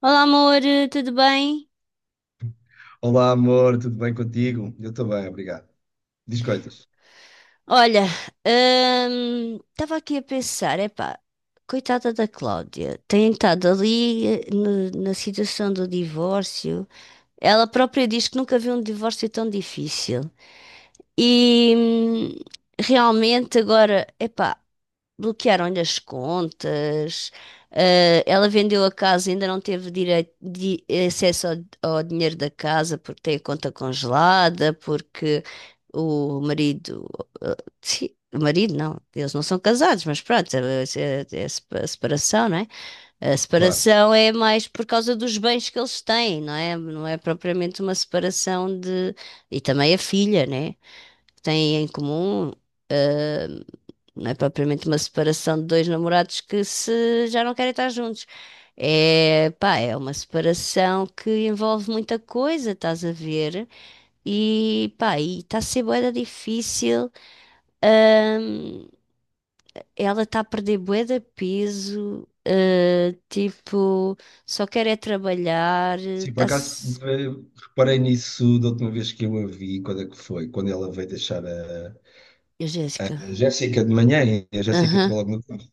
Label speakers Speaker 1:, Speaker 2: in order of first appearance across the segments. Speaker 1: Olá, amor, tudo bem?
Speaker 2: Olá, amor, tudo bem contigo? Eu estou bem, obrigado. Diz coisas,
Speaker 1: Olha, estava aqui a pensar, epá, coitada da Cláudia, tem estado ali na situação do divórcio. Ela própria diz que nunca viu um divórcio tão difícil. E realmente agora, epá, bloquearam-lhe as contas, ela vendeu a casa, ainda não teve direito de acesso ao dinheiro da casa porque tem a conta congelada, porque o marido, eh, sim, o marido não, eles não são casados, mas pronto, é a separação, não é? A
Speaker 2: claro.
Speaker 1: separação é mais por causa dos bens que eles têm, não é? Não é propriamente uma separação de. E também a filha, né? Que têm em comum. eh, não é propriamente uma separação de dois namorados que se já não querem estar juntos. É, pá, é uma separação que envolve muita coisa, estás a ver? E, pá, e está a ser bué da difícil. Ahm, ela está a perder bué de peso. Ah, tipo, só quer é trabalhar.
Speaker 2: Sim, por acaso
Speaker 1: Está-se...
Speaker 2: eh, reparei nisso da última vez que eu a vi. Quando é que foi? Quando ela veio deixar a,
Speaker 1: Eu,
Speaker 2: a
Speaker 1: Jéssica.
Speaker 2: Jéssica de manhã e a Jéssica
Speaker 1: Aham,
Speaker 2: entrou logo no carro.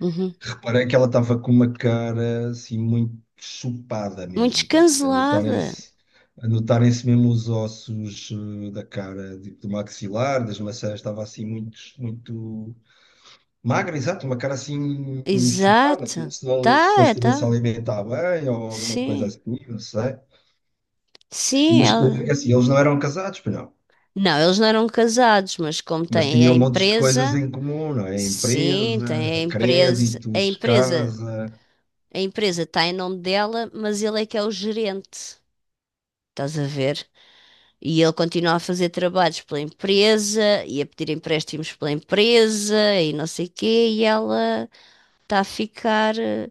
Speaker 1: uhum.
Speaker 2: Reparei que ela estava com uma cara assim muito chupada
Speaker 1: Muito
Speaker 2: mesmo, tá a ver? A
Speaker 1: descancelada.
Speaker 2: notarem-se a notarem-se mesmo os ossos da cara, tipo, do maxilar, das maçãs. Estava assim muito, muito magra, exato, uma cara assim chupada, como
Speaker 1: Exato.
Speaker 2: se não, se
Speaker 1: Tá,
Speaker 2: não se
Speaker 1: é,
Speaker 2: tivesse a
Speaker 1: tá.
Speaker 2: alimentar bem ou alguma coisa
Speaker 1: Sim.
Speaker 2: assim, não sei. E,
Speaker 1: Sim,
Speaker 2: mas
Speaker 1: ela.
Speaker 2: assim, eles não eram casados, pois não.
Speaker 1: Não, eles não eram casados, mas como
Speaker 2: Mas
Speaker 1: têm a
Speaker 2: tinham montes de coisas
Speaker 1: empresa,
Speaker 2: em comum, não é?
Speaker 1: sim, tem a
Speaker 2: Empresa,
Speaker 1: empresa,
Speaker 2: créditos, casa.
Speaker 1: a empresa está em nome dela, mas ele é que é o gerente, estás a ver? E ele continua a fazer trabalhos pela empresa e a pedir empréstimos pela empresa e não sei quê, e ela está a ficar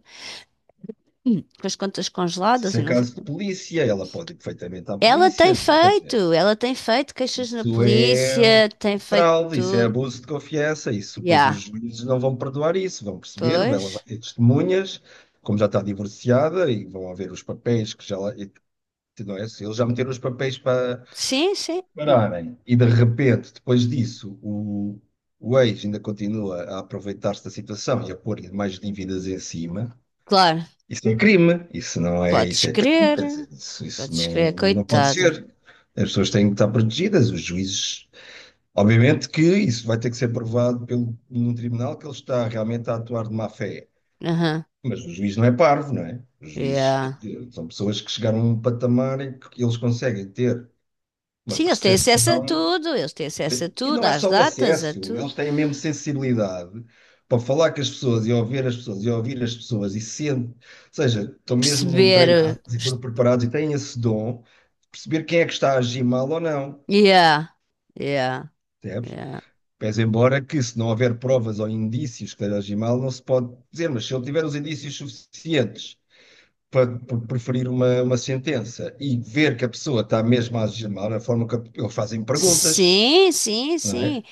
Speaker 1: com as contas
Speaker 2: Se isso
Speaker 1: congeladas e
Speaker 2: é
Speaker 1: não sei o
Speaker 2: caso
Speaker 1: quê.
Speaker 2: de polícia, ela pode ir perfeitamente à polícia, não é? Quer dizer,
Speaker 1: Ela tem feito queixas na
Speaker 2: isso é
Speaker 1: polícia, tem feito
Speaker 2: fraude, isso é
Speaker 1: tudo.
Speaker 2: abuso de confiança, isso pois os
Speaker 1: Já,
Speaker 2: juízes não vão perdoar isso, vão perceber, ela vai
Speaker 1: pois.
Speaker 2: ter testemunhas como já está divorciada, e vão haver os papéis que já lá- não é? Se eles já meteram os papéis para
Speaker 1: Sim, sim.
Speaker 2: pararem e de repente, depois disso, o ex ainda continua a aproveitar-se da situação e a pôr-lhe mais dívidas em cima.
Speaker 1: Claro,
Speaker 2: Isso é crime, isso não é,
Speaker 1: podes
Speaker 2: isso é crime,
Speaker 1: crer,
Speaker 2: quer dizer, isso
Speaker 1: podes
Speaker 2: não,
Speaker 1: crer,
Speaker 2: não pode
Speaker 1: coitada.
Speaker 2: ser. As pessoas têm que estar protegidas, os juízes. Obviamente que isso vai ter que ser provado pelo, num tribunal, que ele está realmente a atuar de má fé.
Speaker 1: Aham,
Speaker 2: Mas o juiz não é parvo, não é? Os juízes, quer
Speaker 1: yeah.
Speaker 2: dizer, são pessoas que chegaram a um patamar em que eles conseguem ter uma
Speaker 1: Sim, eles têm acesso a
Speaker 2: percepção.
Speaker 1: tudo, eles têm acesso a
Speaker 2: E
Speaker 1: tudo,
Speaker 2: não é
Speaker 1: às
Speaker 2: só o
Speaker 1: datas, a
Speaker 2: acesso,
Speaker 1: tudo.
Speaker 2: eles têm a mesma sensibilidade para falar com as pessoas e ouvir as pessoas e sendo, ou seja, estão mesmo
Speaker 1: Perceber.
Speaker 2: treinados e foram preparados e têm esse dom de perceber quem é que está a agir mal ou não,
Speaker 1: Yeah, yeah,
Speaker 2: percebes?
Speaker 1: yeah.
Speaker 2: Pese embora que, se não houver provas ou indícios que esteja a agir mal, não se pode dizer, mas se ele tiver os indícios suficientes para preferir uma sentença e ver que a pessoa está mesmo a agir mal, a forma que eles fazem perguntas,
Speaker 1: Sim, sim,
Speaker 2: não é?
Speaker 1: sim,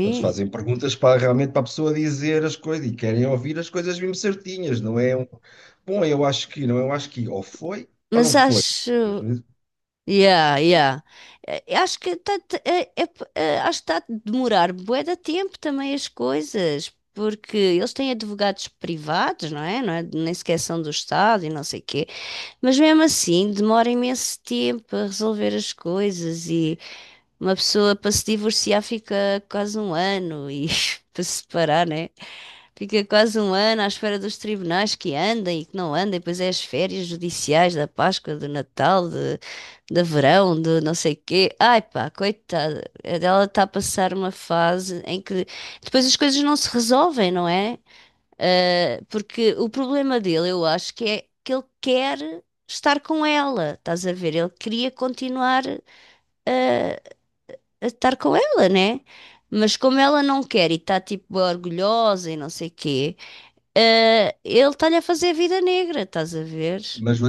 Speaker 2: Eles fazem perguntas para realmente para a pessoa dizer as coisas e querem ouvir as coisas mesmo certinhas, não é um, bom, eu acho que, não, eu acho que, ou foi ou
Speaker 1: Mas
Speaker 2: não foi.
Speaker 1: acho.
Speaker 2: Mas,
Speaker 1: Yeah, yeah. Eh, Acho que está acho que tá a demorar bué de tempo também as coisas, porque eles têm advogados privados, não é? Não é? Nem sequer são do Estado e não sei quê. Mas mesmo assim, demora imenso tempo a resolver as coisas e uma pessoa para se divorciar fica quase um ano e para se separar, né? Fica quase um ano à espera dos tribunais que andem e que não andem, pois é as férias judiciais da Páscoa, do Natal, de verão, de não sei quê. Ai pá, coitada, ela está a passar uma fase em que depois as coisas não se resolvem, não é? Ah, porque o problema dele, eu acho que é que ele quer estar com ela, estás a ver? Ele queria continuar ah, a estar com ela, né? Mas como ela não quer e está tipo orgulhosa e não sei quê. Ele está-lhe a fazer vida negra, estás a ver?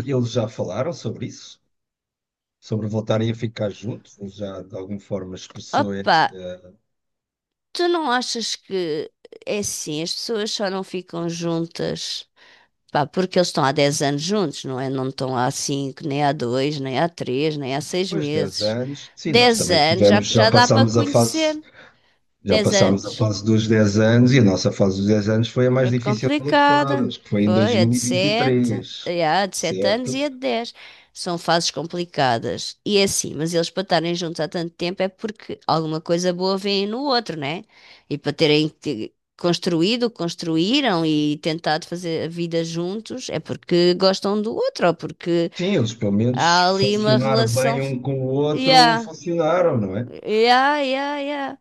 Speaker 2: eles já falaram sobre isso, sobre voltarem a ficar juntos? Ele já de alguma forma expressou
Speaker 1: Opa,
Speaker 2: esse,
Speaker 1: tu não achas que é assim, as pessoas só não ficam juntas, pá, porque eles estão há 10 anos juntos, não é? Não estão há 5, nem há 2, nem há 3, nem há 6
Speaker 2: depois de 10
Speaker 1: meses.
Speaker 2: anos? Sim, nós
Speaker 1: 10
Speaker 2: também
Speaker 1: anos já,
Speaker 2: tivemos,
Speaker 1: já dá para conhecer.
Speaker 2: já
Speaker 1: Dez
Speaker 2: passámos a
Speaker 1: anos.
Speaker 2: fase dos 10 anos, e a nossa fase dos 10 anos foi a mais
Speaker 1: Foi
Speaker 2: difícil das
Speaker 1: complicada.
Speaker 2: todas, que foi em
Speaker 1: Foi
Speaker 2: 2023,
Speaker 1: a de sete anos e
Speaker 2: certo?
Speaker 1: a de dez. São fases complicadas. E é assim, mas eles para estarem juntos há tanto tempo é porque alguma coisa boa vem no outro, né? E para terem te- construído, o que construíram e tentado fazer a vida juntos é porque gostam do outro, ou porque
Speaker 2: Sim, eles, pelo menos
Speaker 1: há ali uma
Speaker 2: funcionar
Speaker 1: relação.
Speaker 2: bem um com o outro,
Speaker 1: Yeah,
Speaker 2: funcionaram, não é?
Speaker 1: yeah, yeah, yeah.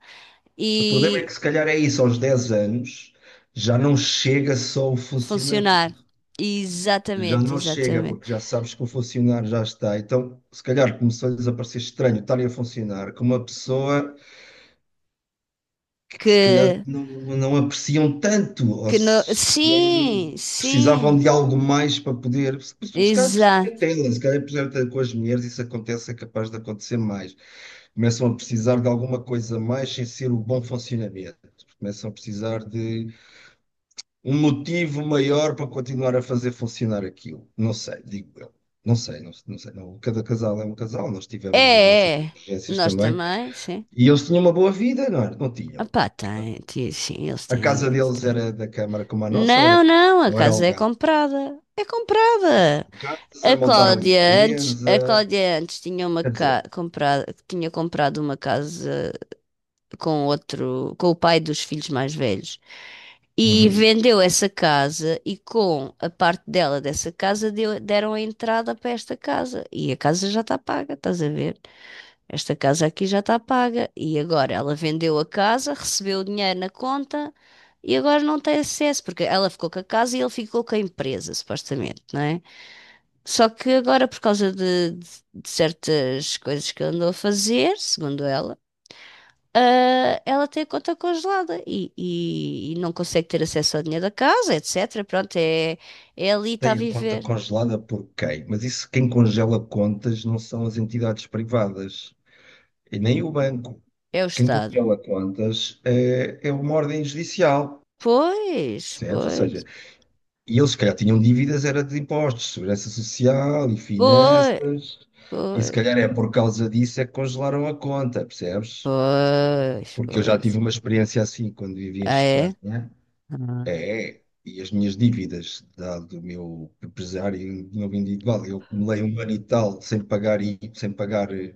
Speaker 2: O problema é
Speaker 1: E
Speaker 2: que se calhar é isso, aos 10 anos já não chega só o funcionar,
Speaker 1: funcionar.
Speaker 2: já
Speaker 1: Exatamente,
Speaker 2: não chega,
Speaker 1: exatamente
Speaker 2: porque já sabes que o funcionar já está. Então, se calhar começou-lhes a parecer estranho estarem a funcionar com uma pessoa que se calhar
Speaker 1: que
Speaker 2: não apreciam tanto, ou
Speaker 1: Que no...
Speaker 2: se calhar
Speaker 1: Sim,
Speaker 2: precisavam
Speaker 1: sim,
Speaker 2: de algo mais para poder. Se se calhar perceber
Speaker 1: exato.
Speaker 2: tela, se calhar perceber com as mulheres, isso acontece, é capaz de acontecer mais. Começam a precisar de alguma coisa mais sem ser o bom funcionamento. Começam a precisar de um motivo maior para continuar a fazer funcionar aquilo. Não sei, digo eu. Não sei, não, não sei, não. Cada casal é um casal, nós tivemos as nossas
Speaker 1: É, é.
Speaker 2: divergências
Speaker 1: Nós
Speaker 2: também.
Speaker 1: também, sim.
Speaker 2: E eles tinham uma boa vida, não era? Não tinham?
Speaker 1: Opá, tem, ti- sim, eles
Speaker 2: A
Speaker 1: têm,
Speaker 2: casa
Speaker 1: eles
Speaker 2: deles
Speaker 1: têm.
Speaker 2: era da Câmara como a nossa,
Speaker 1: Não, não, a
Speaker 2: ou era
Speaker 1: casa é
Speaker 2: alugada?
Speaker 1: comprada. É comprada.
Speaker 2: Casa, montaram
Speaker 1: A
Speaker 2: empresa,
Speaker 1: Cláudia antes tinha uma
Speaker 2: quer
Speaker 1: ca...
Speaker 2: dizer.
Speaker 1: comprada, tinha comprado uma casa com outro, com o pai dos filhos mais velhos. E
Speaker 2: Uhum.
Speaker 1: vendeu essa casa e com a parte dela dessa casa deram a entrada para esta casa. E a casa já está paga, estás a ver? Esta casa aqui já está paga. E agora ela vendeu a casa, recebeu o dinheiro na conta e agora não tem acesso, porque ela ficou com a casa e ele ficou com a empresa, supostamente, não é? Só que agora, por causa de certas coisas que ele andou a fazer, segundo ela, ela tem a conta congelada e não consegue ter acesso ao dinheiro da casa, etc. Pronto, é, é ali está a
Speaker 2: Tem a conta
Speaker 1: viver.
Speaker 2: congelada por quem? Mas isso, quem congela contas não são as entidades privadas e nem o banco.
Speaker 1: É o
Speaker 2: Quem
Speaker 1: Estado.
Speaker 2: congela contas é uma ordem judicial,
Speaker 1: Pois,
Speaker 2: percebes? Ou
Speaker 1: pois,
Speaker 2: seja, e eles, se calhar, tinham dívidas, era de impostos, segurança social e
Speaker 1: pois,
Speaker 2: finanças, e
Speaker 1: pois,
Speaker 2: se calhar é por causa disso é que congelaram a conta, percebes?
Speaker 1: pois,
Speaker 2: Porque eu já tive
Speaker 1: pois.
Speaker 2: uma experiência assim quando vivi em
Speaker 1: Ah, é?
Speaker 2: Espanha.
Speaker 1: Ah.
Speaker 2: É, e as minhas dívidas do meu empresário, do meu individual, eu acumulei um ano e tal sem pagar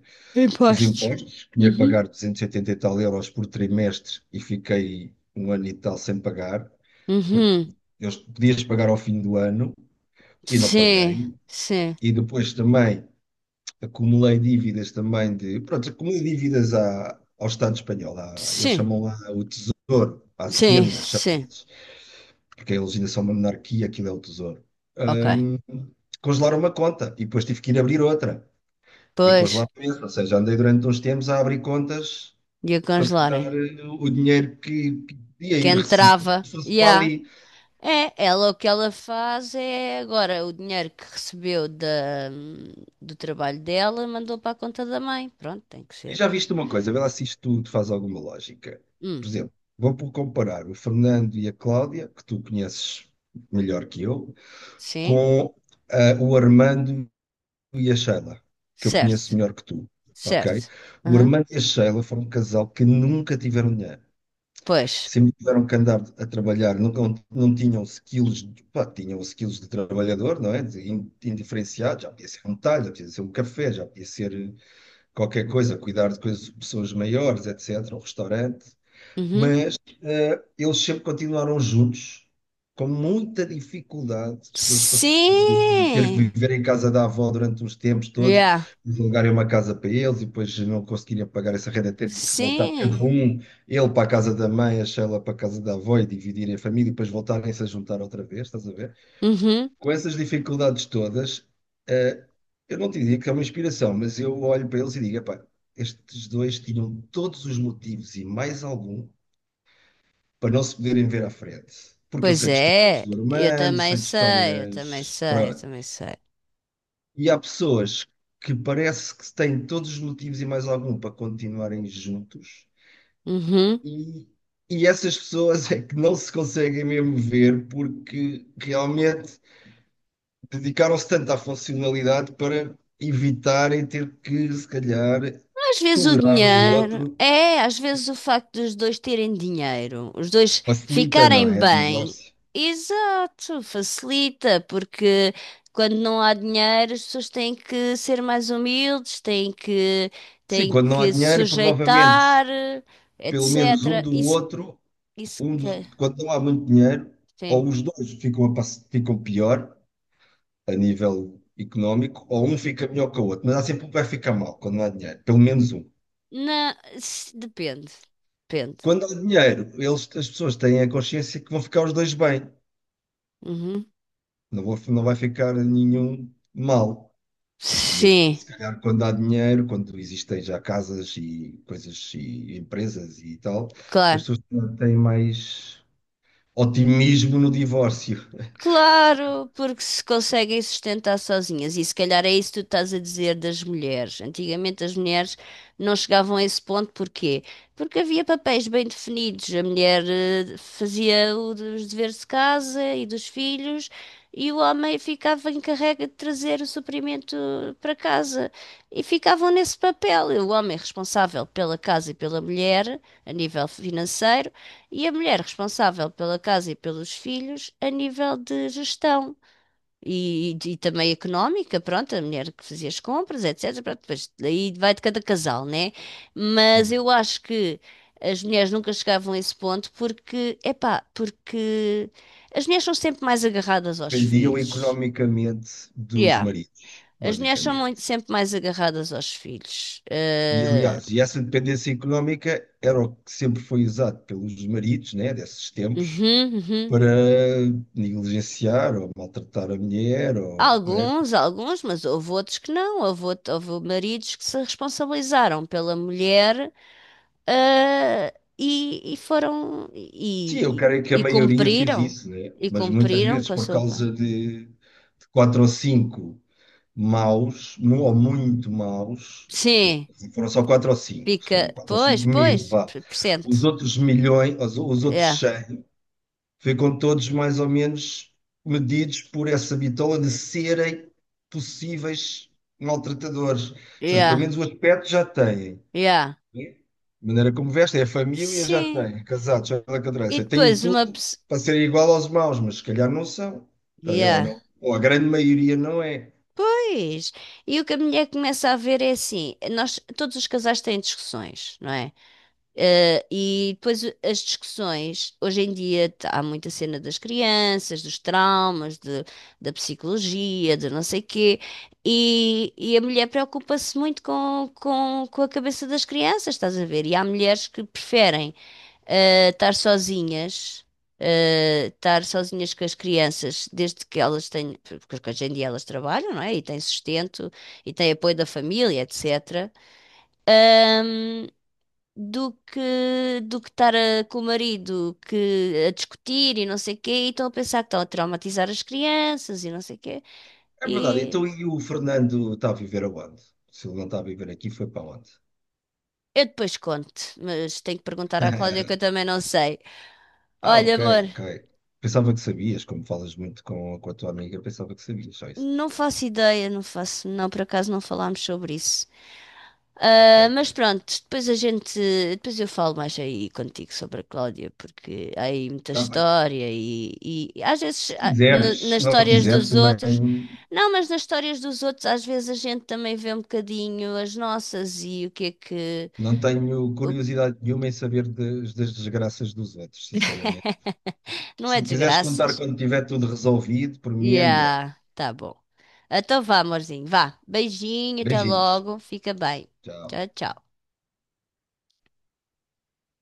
Speaker 2: os
Speaker 1: Impostos.
Speaker 2: impostos. Tinha que
Speaker 1: Uhum.
Speaker 2: pagar 280 e oitenta e tal euros por trimestre e fiquei um ano e tal sem pagar, porque
Speaker 1: Uhum.
Speaker 2: eu podias pagar ao fim do ano e não paguei.
Speaker 1: Sim, sim,
Speaker 2: E depois também acumulei dívidas também de, pronto, acumulei dívidas ao Estado espanhol, à, eles
Speaker 1: sim,
Speaker 2: chamam lá o Tesouro, a
Speaker 1: sim,
Speaker 2: Hacienda, chamam,
Speaker 1: sim.
Speaker 2: porque a legislação é uma monarquia, aquilo é o tesouro.
Speaker 1: Ok.
Speaker 2: Hum, Congelaram uma conta e depois tive que ir abrir outra. E
Speaker 1: Pois,
Speaker 2: congelaram mesmo, ou seja, andei durante uns tempos a abrir contas
Speaker 1: ia
Speaker 2: para
Speaker 1: congelarem.
Speaker 2: tentar o dinheiro que podia
Speaker 1: Quem
Speaker 2: ir receber
Speaker 1: entrava,
Speaker 2: se fosse para
Speaker 1: já.
Speaker 2: ali.
Speaker 1: É, ela o que ela faz é agora o dinheiro que recebeu da, do trabalho dela mandou para a conta da mãe. Pronto, tem que
Speaker 2: E
Speaker 1: ser.
Speaker 2: já viste uma coisa, vê lá se isto tudo faz alguma lógica. Por
Speaker 1: Hum,
Speaker 2: exemplo, vou por comparar o Fernando e a Cláudia, que tu conheces melhor que eu,
Speaker 1: sim,
Speaker 2: com o Armando e a Sheila, que eu conheço
Speaker 1: certo,
Speaker 2: melhor que tu, ok?
Speaker 1: certo.
Speaker 2: O
Speaker 1: Aham,
Speaker 2: Armando e a Sheila foram um casal que nunca tiveram dinheiro.
Speaker 1: pois.
Speaker 2: Sempre tiveram que andar a trabalhar, nunca, não tinham skills, pá, tinham skills de trabalhador, não é? De indiferenciado, já podia ser um talho, já podia ser um café, já podia ser qualquer coisa, cuidar de coisas, pessoas maiores, etc., um restaurante,
Speaker 1: Uhum.
Speaker 2: mas eles sempre continuaram juntos, com muita dificuldade que eles passaram, de ter que
Speaker 1: Sim!
Speaker 2: viver em casa da avó durante uns tempos todos,
Speaker 1: Yeah.
Speaker 2: de alugarem uma casa para eles e depois não conseguirem pagar essa renda, terem que voltar cada
Speaker 1: Sim!
Speaker 2: um, ele para a casa da mãe, a Sheila para a casa da avó, e dividirem a família e depois voltarem-se a juntar outra vez, estás a ver?
Speaker 1: Uhum.
Speaker 2: Com essas dificuldades todas, eh, eu não te digo que é uma inspiração, mas eu olho para eles e digo, "Epá, estes dois tinham todos os motivos e mais algum para não se poderem ver à frente." Porque eu
Speaker 1: Pois
Speaker 2: sei de histórias
Speaker 1: é,
Speaker 2: do
Speaker 1: eu
Speaker 2: Armando,
Speaker 1: também
Speaker 2: sei de
Speaker 1: sei, eu também
Speaker 2: histórias.
Speaker 1: sei, eu
Speaker 2: Pronto.
Speaker 1: também sei.
Speaker 2: E há pessoas que parece que têm todos os motivos e mais algum para continuarem juntos,
Speaker 1: Uhum.
Speaker 2: e, e essas pessoas é que não se conseguem mesmo ver, porque realmente dedicaram-se tanto à funcionalidade para evitarem ter que, se calhar,
Speaker 1: Às vezes o
Speaker 2: tolerar o
Speaker 1: dinheiro,
Speaker 2: outro.
Speaker 1: é, às vezes o facto dos dois terem dinheiro, os dois
Speaker 2: Facilita, não
Speaker 1: ficarem
Speaker 2: é?
Speaker 1: bem,
Speaker 2: Divórcio.
Speaker 1: exato, facilita, porque quando não há dinheiro, as pessoas têm que ser mais humildes,
Speaker 2: Sim,
Speaker 1: têm
Speaker 2: quando não há
Speaker 1: que se
Speaker 2: dinheiro, provavelmente
Speaker 1: sujeitar,
Speaker 2: pelo menos um
Speaker 1: etc.
Speaker 2: do
Speaker 1: Isso,
Speaker 2: outro,
Speaker 1: isso que,
Speaker 2: quando não há muito dinheiro,
Speaker 1: sim.
Speaker 2: ou os dois ficam, ficam pior a nível económico, ou um fica melhor que o outro, mas há sempre um que vai ficar mal quando não há dinheiro, pelo menos um.
Speaker 1: Na, se- depende, depende.
Speaker 2: Quando há dinheiro, eles, as pessoas têm a consciência que vão ficar os dois bem,
Speaker 1: Uhum.
Speaker 2: não vai ficar nenhum mal. E então,
Speaker 1: Sim,
Speaker 2: se calhar, quando há dinheiro, quando existem já casas e coisas e empresas e tal, as
Speaker 1: claro.
Speaker 2: pessoas têm mais otimismo no divórcio.
Speaker 1: Claro, porque se conseguem sustentar sozinhas. E se calhar é isso que tu estás a dizer das mulheres. Antigamente as mulheres não chegavam a esse ponto, porquê? Porque havia papéis bem definidos. A mulher fazia o dos deveres de casa e dos filhos, e o homem ficava encarregue de trazer o suprimento para casa. E ficavam nesse papel. O homem responsável pela casa e pela mulher, a nível financeiro, e a mulher responsável pela casa e pelos filhos a nível de gestão e também económica, pronto, a mulher que fazia as compras, etc. Pronto, depois daí vai de cada casal, né? Mas eu acho que as mulheres nunca chegavam a esse ponto porque, epá, porque as mulheres são sempre mais agarradas aos
Speaker 2: Dependiam
Speaker 1: filhos.
Speaker 2: economicamente dos
Speaker 1: Yeah.
Speaker 2: maridos,
Speaker 1: As mulheres são muito-
Speaker 2: basicamente.
Speaker 1: sempre mais agarradas aos filhos.
Speaker 2: E,
Speaker 1: Eh,
Speaker 2: aliás, e essa dependência económica era o que sempre foi usado pelos maridos, né, desses tempos,
Speaker 1: uhum, uhum.
Speaker 2: para negligenciar ou maltratar a mulher. Ou, né?
Speaker 1: Alguns, alguns, mas houve outros que não. Houve, out- houve maridos que se responsabilizaram pela mulher, ah, e foram
Speaker 2: Sim, eu creio que a
Speaker 1: e
Speaker 2: maioria fez
Speaker 1: cumpriram
Speaker 2: isso, né?
Speaker 1: e
Speaker 2: Mas muitas
Speaker 1: cumpriram
Speaker 2: vezes,
Speaker 1: com a
Speaker 2: por
Speaker 1: sopa.
Speaker 2: causa de quatro ou cinco maus, ou muito maus, eu-
Speaker 1: Sim,
Speaker 2: foram só quatro ou cinco,
Speaker 1: pica.
Speaker 2: foram quatro ou
Speaker 1: Pois,
Speaker 2: cinco mil,
Speaker 1: pois,
Speaker 2: vá.
Speaker 1: per- percento.
Speaker 2: Os outros milhões, os outros
Speaker 1: Yeah,
Speaker 2: 100 ficam todos mais ou menos medidos por essa bitola de serem possíveis maltratadores. Ou seja, pelo
Speaker 1: yeah,
Speaker 2: menos o aspecto já têm.
Speaker 1: yeah.
Speaker 2: Né? A maneira como vestem, a família já
Speaker 1: Sim.
Speaker 2: tem, casados, já da cadeira.
Speaker 1: E
Speaker 2: Têm
Speaker 1: depois uma
Speaker 2: tudo
Speaker 1: pessoa.
Speaker 2: para serem igual aos maus, mas se calhar não são. Tá a ver? Ou
Speaker 1: Yeah.
Speaker 2: não. Ou a grande maioria não é.
Speaker 1: Pois. E o que a mulher começa a ver é assim: nós, todos os casais têm discussões, não é? E depois as discussões, hoje em dia t- há muita cena das crianças, dos traumas, da psicologia, de não sei quê, e a mulher preocupa-se muito com a cabeça das crianças, estás a ver? E há mulheres que preferem eh, estar sozinhas, estar sozinhas com as crianças, desde que elas têm, porque hoje em dia elas trabalham, não é? E têm sustento, e têm apoio da família, etc. Ahm, do que estar com o marido que a discutir e não sei o quê, e estão a pensar que estão a traumatizar as crianças e não sei o quê.
Speaker 2: É verdade.
Speaker 1: E
Speaker 2: Então, e o Fernando está a viver aonde? Se ele não está a viver aqui, foi para onde?
Speaker 1: eu depois conto, mas tenho que perguntar à Cláudia que eu também não sei.
Speaker 2: Ah,
Speaker 1: Olha,
Speaker 2: ok,
Speaker 1: amor,
Speaker 2: ok. Pensava que sabias, como falas muito com a tua amiga, pensava que sabias só isso.
Speaker 1: não faço ideia, não faço, não, por acaso não falámos sobre isso.
Speaker 2: Ok,
Speaker 1: Ah, mas
Speaker 2: ok.
Speaker 1: pronto, depois eu falo mais aí contigo sobre a Cláudia, porque há aí muita
Speaker 2: Está bem.
Speaker 1: história e às vezes
Speaker 2: Se quiseres, se
Speaker 1: nas
Speaker 2: não
Speaker 1: histórias
Speaker 2: quiseres,
Speaker 1: dos outros,
Speaker 2: também
Speaker 1: não, mas nas histórias dos outros às vezes a gente também vê um bocadinho as nossas e o que é que,
Speaker 2: não tenho
Speaker 1: o que-
Speaker 2: curiosidade nenhuma em saber das desgraças dos outros, sinceramente.
Speaker 1: não
Speaker 2: Se
Speaker 1: é
Speaker 2: me quiseres contar
Speaker 1: desgraças.
Speaker 2: quando tiver tudo resolvido, por mim é melhor.
Speaker 1: Yeah, tá bom. Então vá, amorzinho, vá. Beijinho, até
Speaker 2: Beijinhos.
Speaker 1: logo, fica bem.
Speaker 2: Tchau.
Speaker 1: Tchau, tchau.